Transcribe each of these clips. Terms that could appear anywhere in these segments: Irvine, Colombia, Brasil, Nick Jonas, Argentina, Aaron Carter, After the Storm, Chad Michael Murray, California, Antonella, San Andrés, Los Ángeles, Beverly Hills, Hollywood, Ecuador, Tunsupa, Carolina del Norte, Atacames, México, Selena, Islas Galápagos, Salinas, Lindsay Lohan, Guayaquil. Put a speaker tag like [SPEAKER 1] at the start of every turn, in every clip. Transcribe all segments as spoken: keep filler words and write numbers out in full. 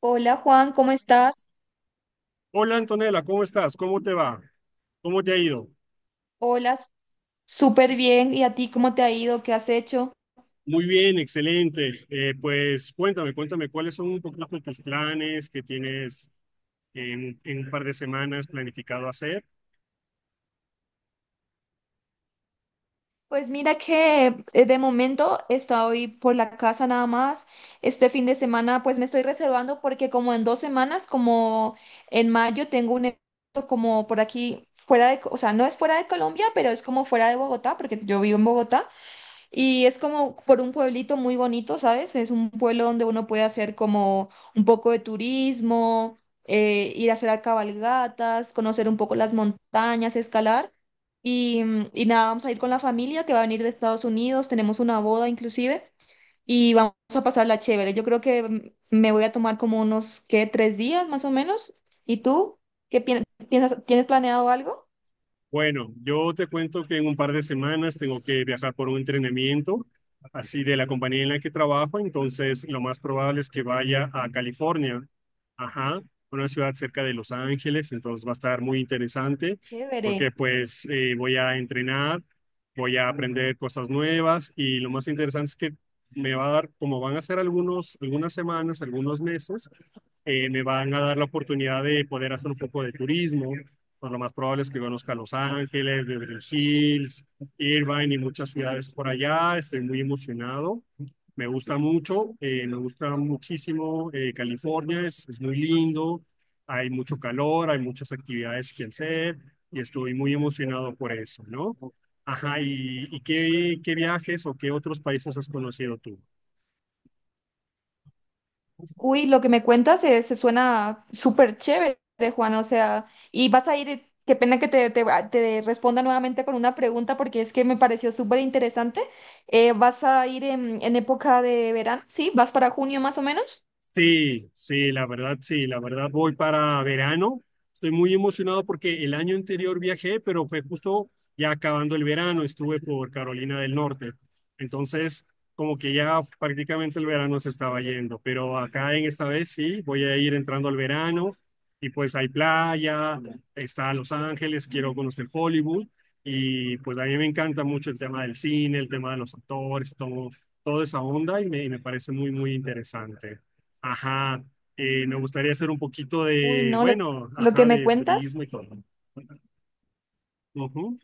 [SPEAKER 1] Hola Juan, ¿cómo estás?
[SPEAKER 2] Hola Antonella, ¿cómo estás? ¿Cómo te va? ¿Cómo te ha ido?
[SPEAKER 1] Hola, s- súper bien. ¿Y a ti cómo te ha ido? ¿Qué has hecho?
[SPEAKER 2] Muy bien, excelente. Eh, pues cuéntame, cuéntame cuáles son un poquito tus planes que tienes en, en un par de semanas planificado hacer.
[SPEAKER 1] Pues mira que eh, de momento estoy por la casa nada más. Este fin de semana pues me estoy reservando porque como en dos semanas, como en mayo, tengo un evento como por aquí fuera de, Co- o sea, no es fuera de Colombia, pero es como fuera de Bogotá, porque yo vivo en Bogotá. Y es como por un pueblito muy bonito, ¿sabes? Es un pueblo donde uno puede hacer como un poco de turismo, eh, ir a hacer a cabalgatas, conocer un poco las montañas, escalar. Y, mm, y nada, vamos a ir con la familia que va a venir de Estados Unidos, tenemos una boda inclusive, y vamos a pasarla chévere. Yo creo que mm, me voy a tomar como unos, ¿qué? Tres días más o menos. ¿Y tú? ¿Qué pi- ¿piensas? ¿Tienes planeado algo?
[SPEAKER 2] Bueno, yo te cuento que en un par de semanas tengo que viajar por un entrenamiento, así de la compañía en la que trabajo, entonces lo más probable es que vaya a California, ajá, una ciudad cerca de Los Ángeles, entonces va a estar muy interesante
[SPEAKER 1] Chévere.
[SPEAKER 2] porque pues eh, voy a entrenar, voy a aprender cosas nuevas y lo más interesante es que me va a dar, como van a ser algunos, algunas semanas, algunos meses, eh, me van a dar la oportunidad de poder hacer un poco de turismo. Pues lo más probable es que conozca Los Ángeles, Beverly Hills, Irvine y muchas ciudades por allá. Estoy muy emocionado. Me gusta mucho, eh, me gusta muchísimo eh, California, es, es muy lindo, hay mucho calor, hay muchas actividades que hacer y estoy muy emocionado por eso, ¿no? Ajá, ¿y, y qué, qué viajes o qué otros países has conocido tú?
[SPEAKER 1] Uy, lo que me cuentas eh, se, suena súper chévere, Juan. O sea, y vas a ir, eh, qué pena que te, te, ah, te responda nuevamente con una pregunta porque es que me pareció súper interesante. Eh, ¿vas a ir en, en época de verano? ¿Sí? ¿Vas para junio más o menos?
[SPEAKER 2] Sí, sí, la verdad, sí, la verdad voy para verano. Estoy muy emocionado porque el año anterior viajé, pero fue justo ya acabando el verano, estuve por Carolina del Norte. Entonces, como que ya prácticamente el verano se estaba yendo, pero acá en esta vez sí, voy a ir entrando al verano y pues hay playa, está Los Ángeles, quiero conocer Hollywood y pues a mí me encanta mucho el tema del cine, el tema de los actores, todo, toda esa onda y me, y me parece muy, muy interesante. Ajá, eh, me gustaría hacer un poquito
[SPEAKER 1] Uy,
[SPEAKER 2] de,
[SPEAKER 1] no, lo,
[SPEAKER 2] bueno,
[SPEAKER 1] lo que
[SPEAKER 2] ajá,
[SPEAKER 1] me
[SPEAKER 2] de
[SPEAKER 1] cuentas,
[SPEAKER 2] turismo y todo. Ujú.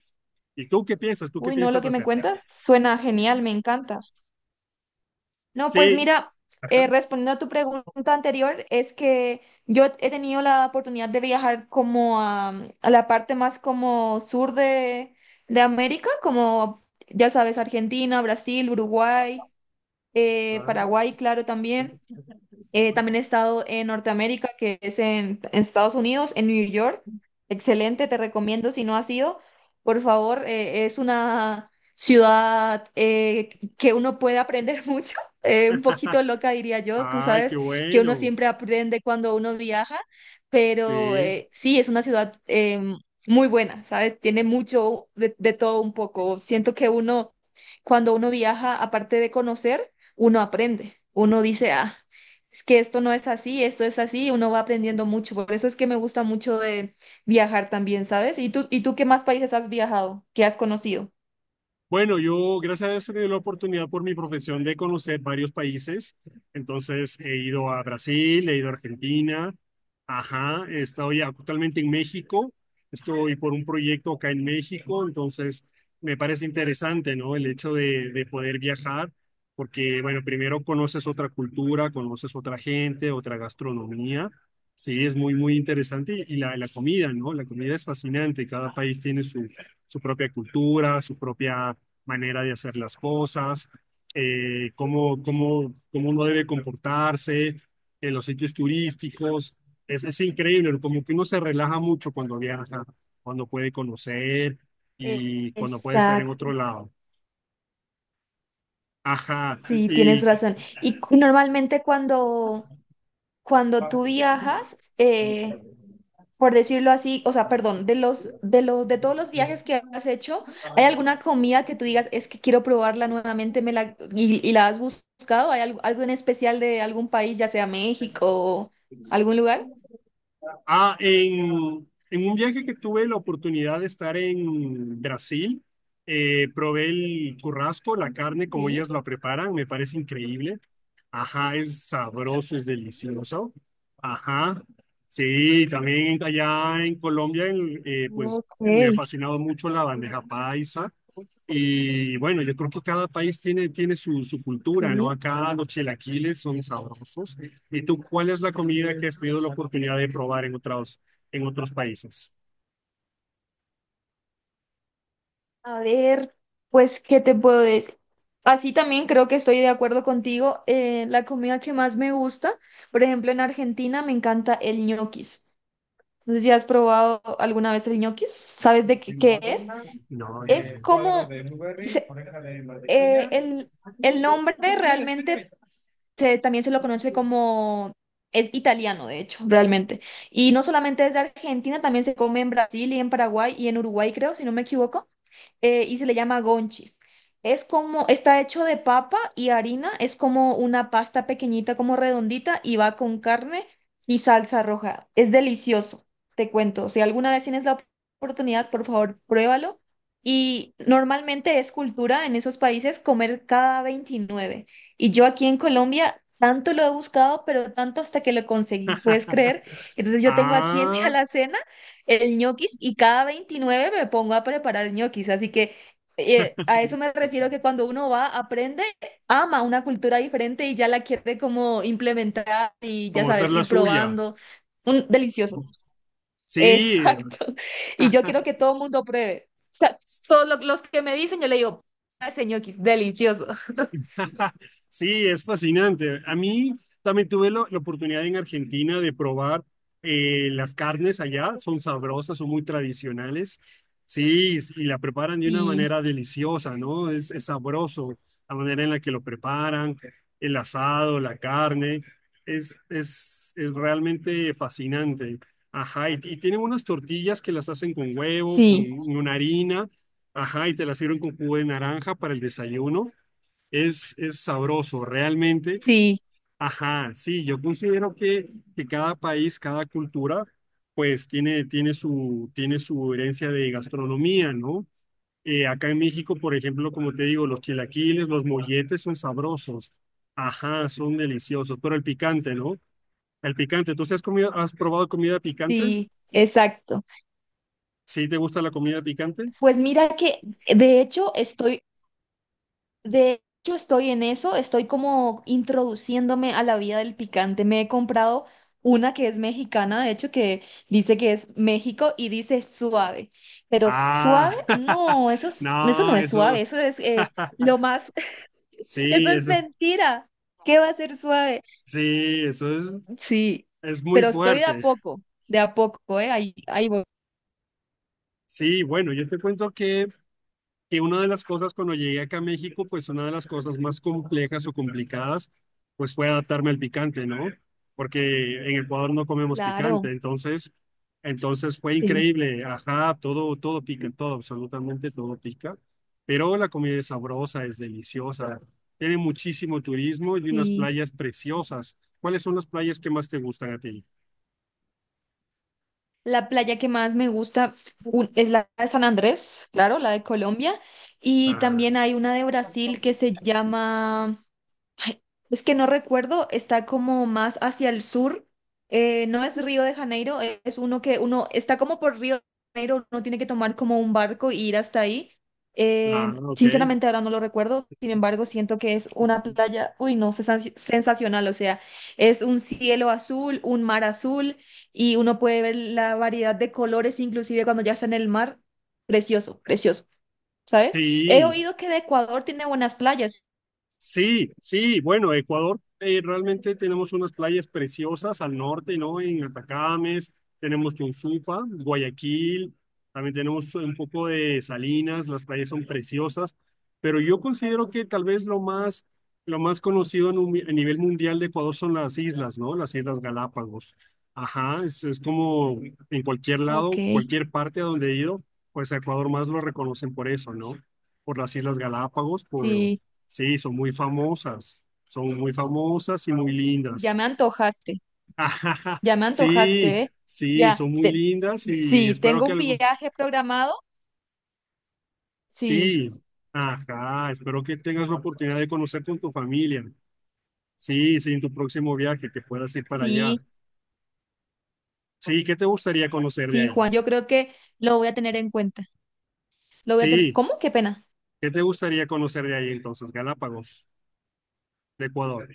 [SPEAKER 2] ¿Y tú qué piensas? ¿Tú qué
[SPEAKER 1] uy, no, lo
[SPEAKER 2] piensas
[SPEAKER 1] que me
[SPEAKER 2] hacer?
[SPEAKER 1] cuentas suena genial, me encanta. No, pues
[SPEAKER 2] Sí,
[SPEAKER 1] mira,
[SPEAKER 2] ajá.
[SPEAKER 1] eh, respondiendo a tu pregunta anterior, es que yo he tenido la oportunidad de viajar como a, a la parte más como sur de, de América, como ya sabes, Argentina, Brasil, Uruguay, eh, Paraguay, claro, también. Eh, también he estado en Norteamérica, que es en, en Estados Unidos, en New York. Excelente, te recomiendo si no has ido, por favor, eh, es una ciudad eh, que uno puede aprender mucho, eh, un poquito loca diría yo, tú
[SPEAKER 2] Ay, qué
[SPEAKER 1] sabes que uno
[SPEAKER 2] bueno.
[SPEAKER 1] siempre aprende cuando uno viaja, pero
[SPEAKER 2] Sí.
[SPEAKER 1] eh, sí, es una ciudad eh, muy buena, ¿sabes? Tiene mucho de, de todo un poco. Siento que uno, cuando uno viaja, aparte de conocer, uno aprende, uno dice, ah. Es que esto no es así, esto es así, uno va aprendiendo mucho. Por eso es que me gusta mucho de viajar también, ¿sabes? ¿Y tú, y tú qué más países has viajado, qué has conocido?
[SPEAKER 2] Bueno, yo gracias a Dios he tenido la oportunidad por mi profesión de conocer varios países. Entonces he ido a Brasil, he ido a Argentina, ajá, estoy actualmente en México, estoy por un proyecto acá en México, entonces me parece interesante, ¿no? El hecho de, de poder viajar, porque bueno, primero conoces otra cultura, conoces otra gente, otra gastronomía. Sí, es muy, muy interesante y la, la comida, ¿no? La comida es fascinante, cada país tiene su su propia cultura, su propia manera de hacer las cosas, eh, cómo, cómo, cómo uno debe comportarse en los sitios turísticos. Es, es increíble, ¿no? Como que uno se relaja mucho cuando viaja, cuando puede conocer
[SPEAKER 1] Eh,
[SPEAKER 2] y cuando puede estar en
[SPEAKER 1] Exacto,
[SPEAKER 2] otro lado. Ajá.
[SPEAKER 1] sí, tienes
[SPEAKER 2] Y
[SPEAKER 1] razón. Y cu- normalmente cuando, cuando tú viajas, eh, por decirlo así, o sea, perdón, de los, de los, de todos los viajes que has hecho, ¿hay alguna comida que tú digas, es que quiero probarla nuevamente, me la, y, y la has buscado? ¿Hay algo, algo en especial de algún país, ya sea México o algún lugar?
[SPEAKER 2] ah, en, en, un viaje que tuve la oportunidad de estar en Brasil, eh, probé el churrasco, la carne, como ellas
[SPEAKER 1] Sí.
[SPEAKER 2] la preparan, me parece increíble. Ajá, es sabroso, es delicioso. Ajá. Sí, también allá en Colombia, en- eh, pues
[SPEAKER 1] Ok,
[SPEAKER 2] me ha fascinado mucho la bandeja paisa. Y bueno, yo creo que cada país tiene, tiene su, su cultura, ¿no?
[SPEAKER 1] sí.
[SPEAKER 2] Acá los chilaquiles son sabrosos. ¿Y tú cuál es la comida que has tenido la oportunidad de probar en otros, en otros países?
[SPEAKER 1] A ver, pues, ¿qué te puedo decir? Así también creo que estoy de acuerdo contigo. Eh, la comida que más me gusta, por ejemplo, en Argentina me encanta el ñoquis. No sé si has probado alguna vez el ñoquis. ¿Sabes de qué, qué es?
[SPEAKER 2] No,
[SPEAKER 1] Es como
[SPEAKER 2] no,
[SPEAKER 1] se- eh,
[SPEAKER 2] no.
[SPEAKER 1] el, el nombre realmente se- también se lo conoce como, es italiano, de hecho, realmente. Y no solamente es de Argentina, también se come en Brasil y en Paraguay y en Uruguay, creo, si no me equivoco eh, y se le llama gonchis. Es como, está hecho de papa y harina, es como una pasta pequeñita, como redondita, y va con carne y salsa roja. Es delicioso, te cuento. Si alguna vez tienes la op- oportunidad, por favor, pruébalo. Y normalmente es cultura en esos países comer cada veintinueve. Y yo aquí en Colombia tanto lo he buscado, pero tanto hasta que lo conseguí, ¿puedes creer? Entonces yo tengo aquí en mi
[SPEAKER 2] Ah,
[SPEAKER 1] alacena el ñoquis y cada veintinueve me pongo a preparar ñoquis. Así que eh, a eso me refiero que cuando uno va, aprende, ama una cultura diferente y ya la quiere como implementar y ya
[SPEAKER 2] como hacer
[SPEAKER 1] sabes,
[SPEAKER 2] la
[SPEAKER 1] ir
[SPEAKER 2] suya.
[SPEAKER 1] probando. Un, delicioso.
[SPEAKER 2] Sí,
[SPEAKER 1] Exacto. Y yo quiero que todo el mundo pruebe. O sea, todos lo- los que me dicen, yo le digo, "Ah, ese ñoquis, delicioso".
[SPEAKER 2] sí, es fascinante. A mí también tuve lo- la oportunidad en Argentina de probar eh, las carnes allá. Son sabrosas, son muy tradicionales. Sí, y la preparan de una
[SPEAKER 1] Sí,
[SPEAKER 2] manera deliciosa, ¿no? Es, es sabroso la manera en la que lo preparan, el asado, la carne. Es, es, es realmente fascinante. Ajá, y, y tienen unas tortillas que las hacen con huevo, con
[SPEAKER 1] sí,
[SPEAKER 2] una harina. Ajá, y te las sirven con jugo de naranja para el desayuno. Es, es sabroso, realmente.
[SPEAKER 1] sí,
[SPEAKER 2] Ajá, sí, yo considero que, que cada país, cada cultura, pues tiene, tiene su, tiene su herencia de gastronomía, ¿no? Eh, acá en México, por ejemplo, como te digo, los chilaquiles, los molletes son sabrosos. Ajá, son deliciosos, pero el picante, ¿no? El picante, ¿tú sí has comido, has probado comida picante?
[SPEAKER 1] sí, exacto.
[SPEAKER 2] ¿Sí te gusta la comida picante?
[SPEAKER 1] Pues mira que de hecho estoy de hecho, estoy en eso, estoy como introduciéndome a la vida del picante. Me he comprado una que es mexicana, de hecho, que dice que es México y dice suave. Pero
[SPEAKER 2] Ah,
[SPEAKER 1] suave, no, eso es- eso no
[SPEAKER 2] no,
[SPEAKER 1] es
[SPEAKER 2] eso,
[SPEAKER 1] suave, eso es eh, lo más, eso
[SPEAKER 2] sí,
[SPEAKER 1] es
[SPEAKER 2] eso,
[SPEAKER 1] mentira. ¿Qué va a ser suave?
[SPEAKER 2] sí, eso es,
[SPEAKER 1] Sí,
[SPEAKER 2] es muy
[SPEAKER 1] pero estoy de a
[SPEAKER 2] fuerte.
[SPEAKER 1] poco, de a poco, ¿eh? Ahí, ahí voy.
[SPEAKER 2] Sí, bueno, yo te cuento que que una de las cosas cuando llegué acá a México, pues una de las cosas más complejas o complicadas, pues fue adaptarme al picante, ¿no? Porque en Ecuador no comemos
[SPEAKER 1] Claro,
[SPEAKER 2] picante, entonces, entonces fue
[SPEAKER 1] sí,
[SPEAKER 2] increíble, ajá, todo, todo pica, todo, absolutamente todo pica, pero la comida es sabrosa, es deliciosa, tiene muchísimo turismo y unas
[SPEAKER 1] sí.
[SPEAKER 2] playas preciosas. ¿Cuáles son las playas que más te gustan a ti?
[SPEAKER 1] La playa que más me gusta un- es la de San Andrés, claro, la de Colombia. Y
[SPEAKER 2] Ah,
[SPEAKER 1] también hay una de Brasil que se llama. Ay, es que no recuerdo, está como más hacia el sur. Eh, no es Río de Janeiro, e- es uno que uno está como por Río de Janeiro, uno tiene que tomar como un barco y ir hasta ahí.
[SPEAKER 2] ah,
[SPEAKER 1] Eh,
[SPEAKER 2] ok.
[SPEAKER 1] sinceramente ahora no lo recuerdo, sin embargo siento que es una playa, uy no, sensa- sensacional, o sea, es un cielo azul, un mar azul y uno puede ver la variedad de colores, inclusive cuando ya está en el mar, precioso, precioso, ¿sabes? He
[SPEAKER 2] Sí,
[SPEAKER 1] oído que de Ecuador tiene buenas playas.
[SPEAKER 2] sí, sí, bueno, Ecuador, eh, realmente tenemos unas playas preciosas al norte, ¿no? En Atacames, tenemos Tunsupa, Guayaquil, también tenemos un poco de Salinas, las playas son preciosas, pero yo considero que tal vez lo más, lo más conocido en un mi- a nivel mundial de Ecuador son las islas, ¿no? Las Islas Galápagos. Ajá, es, es como en cualquier lado,
[SPEAKER 1] Ok.
[SPEAKER 2] cualquier parte a donde he ido, pues a Ecuador más lo reconocen por eso, ¿no? Por las Islas Galápagos.
[SPEAKER 1] Sí.
[SPEAKER 2] Sí, son muy famosas, son muy famosas y muy lindas.
[SPEAKER 1] Ya me antojaste, ya me
[SPEAKER 2] Sí,
[SPEAKER 1] antojaste, ¿eh?
[SPEAKER 2] sí,
[SPEAKER 1] Ya,
[SPEAKER 2] son muy
[SPEAKER 1] te-
[SPEAKER 2] lindas y
[SPEAKER 1] sí,
[SPEAKER 2] espero
[SPEAKER 1] tengo
[SPEAKER 2] que
[SPEAKER 1] un
[SPEAKER 2] algún...
[SPEAKER 1] viaje programado. Sí,
[SPEAKER 2] Sí, ajá, espero que tengas la oportunidad de conocer con tu familia. Sí, sí, en tu próximo viaje, que puedas ir para allá.
[SPEAKER 1] sí,
[SPEAKER 2] Sí, ¿qué te gustaría conocer de
[SPEAKER 1] sí,
[SPEAKER 2] ahí?
[SPEAKER 1] Juan, yo creo que lo voy a tener en cuenta. Lo voy a tener.
[SPEAKER 2] Sí,
[SPEAKER 1] ¿Cómo? Qué pena.
[SPEAKER 2] ¿qué te gustaría conocer de ahí entonces? Galápagos, de Ecuador.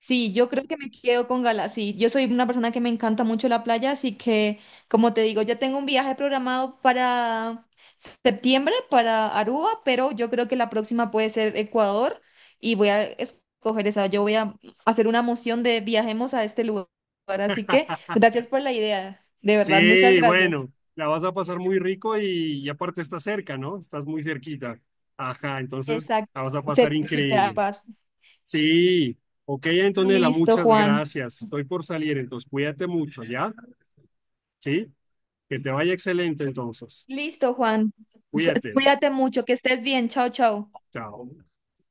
[SPEAKER 1] Sí, yo creo que me quedo con Gala. Sí, yo soy una persona que me encanta mucho la playa, así que, como te digo, ya tengo un viaje programado para septiembre, para Aruba, pero yo creo que la próxima puede ser Ecuador y voy a escoger esa. Yo voy a hacer una moción de viajemos a este lugar. Así que, gracias por la idea. De verdad, muchas
[SPEAKER 2] Sí,
[SPEAKER 1] gracias.
[SPEAKER 2] bueno, la vas a pasar muy rico y, y aparte estás cerca, ¿no? Estás muy cerquita. Ajá, entonces
[SPEAKER 1] Exacto.
[SPEAKER 2] la vas a pasar
[SPEAKER 1] Cerquita,
[SPEAKER 2] increíble.
[SPEAKER 1] paso.
[SPEAKER 2] Sí, ok, Antonella,
[SPEAKER 1] Listo,
[SPEAKER 2] muchas
[SPEAKER 1] Juan.
[SPEAKER 2] gracias. Estoy por salir, entonces cuídate mucho, ¿ya? Sí, que te vaya excelente entonces.
[SPEAKER 1] Listo, Juan. S-
[SPEAKER 2] Cuídate.
[SPEAKER 1] Cuídate mucho, que estés bien. Chao, chao.
[SPEAKER 2] Chao.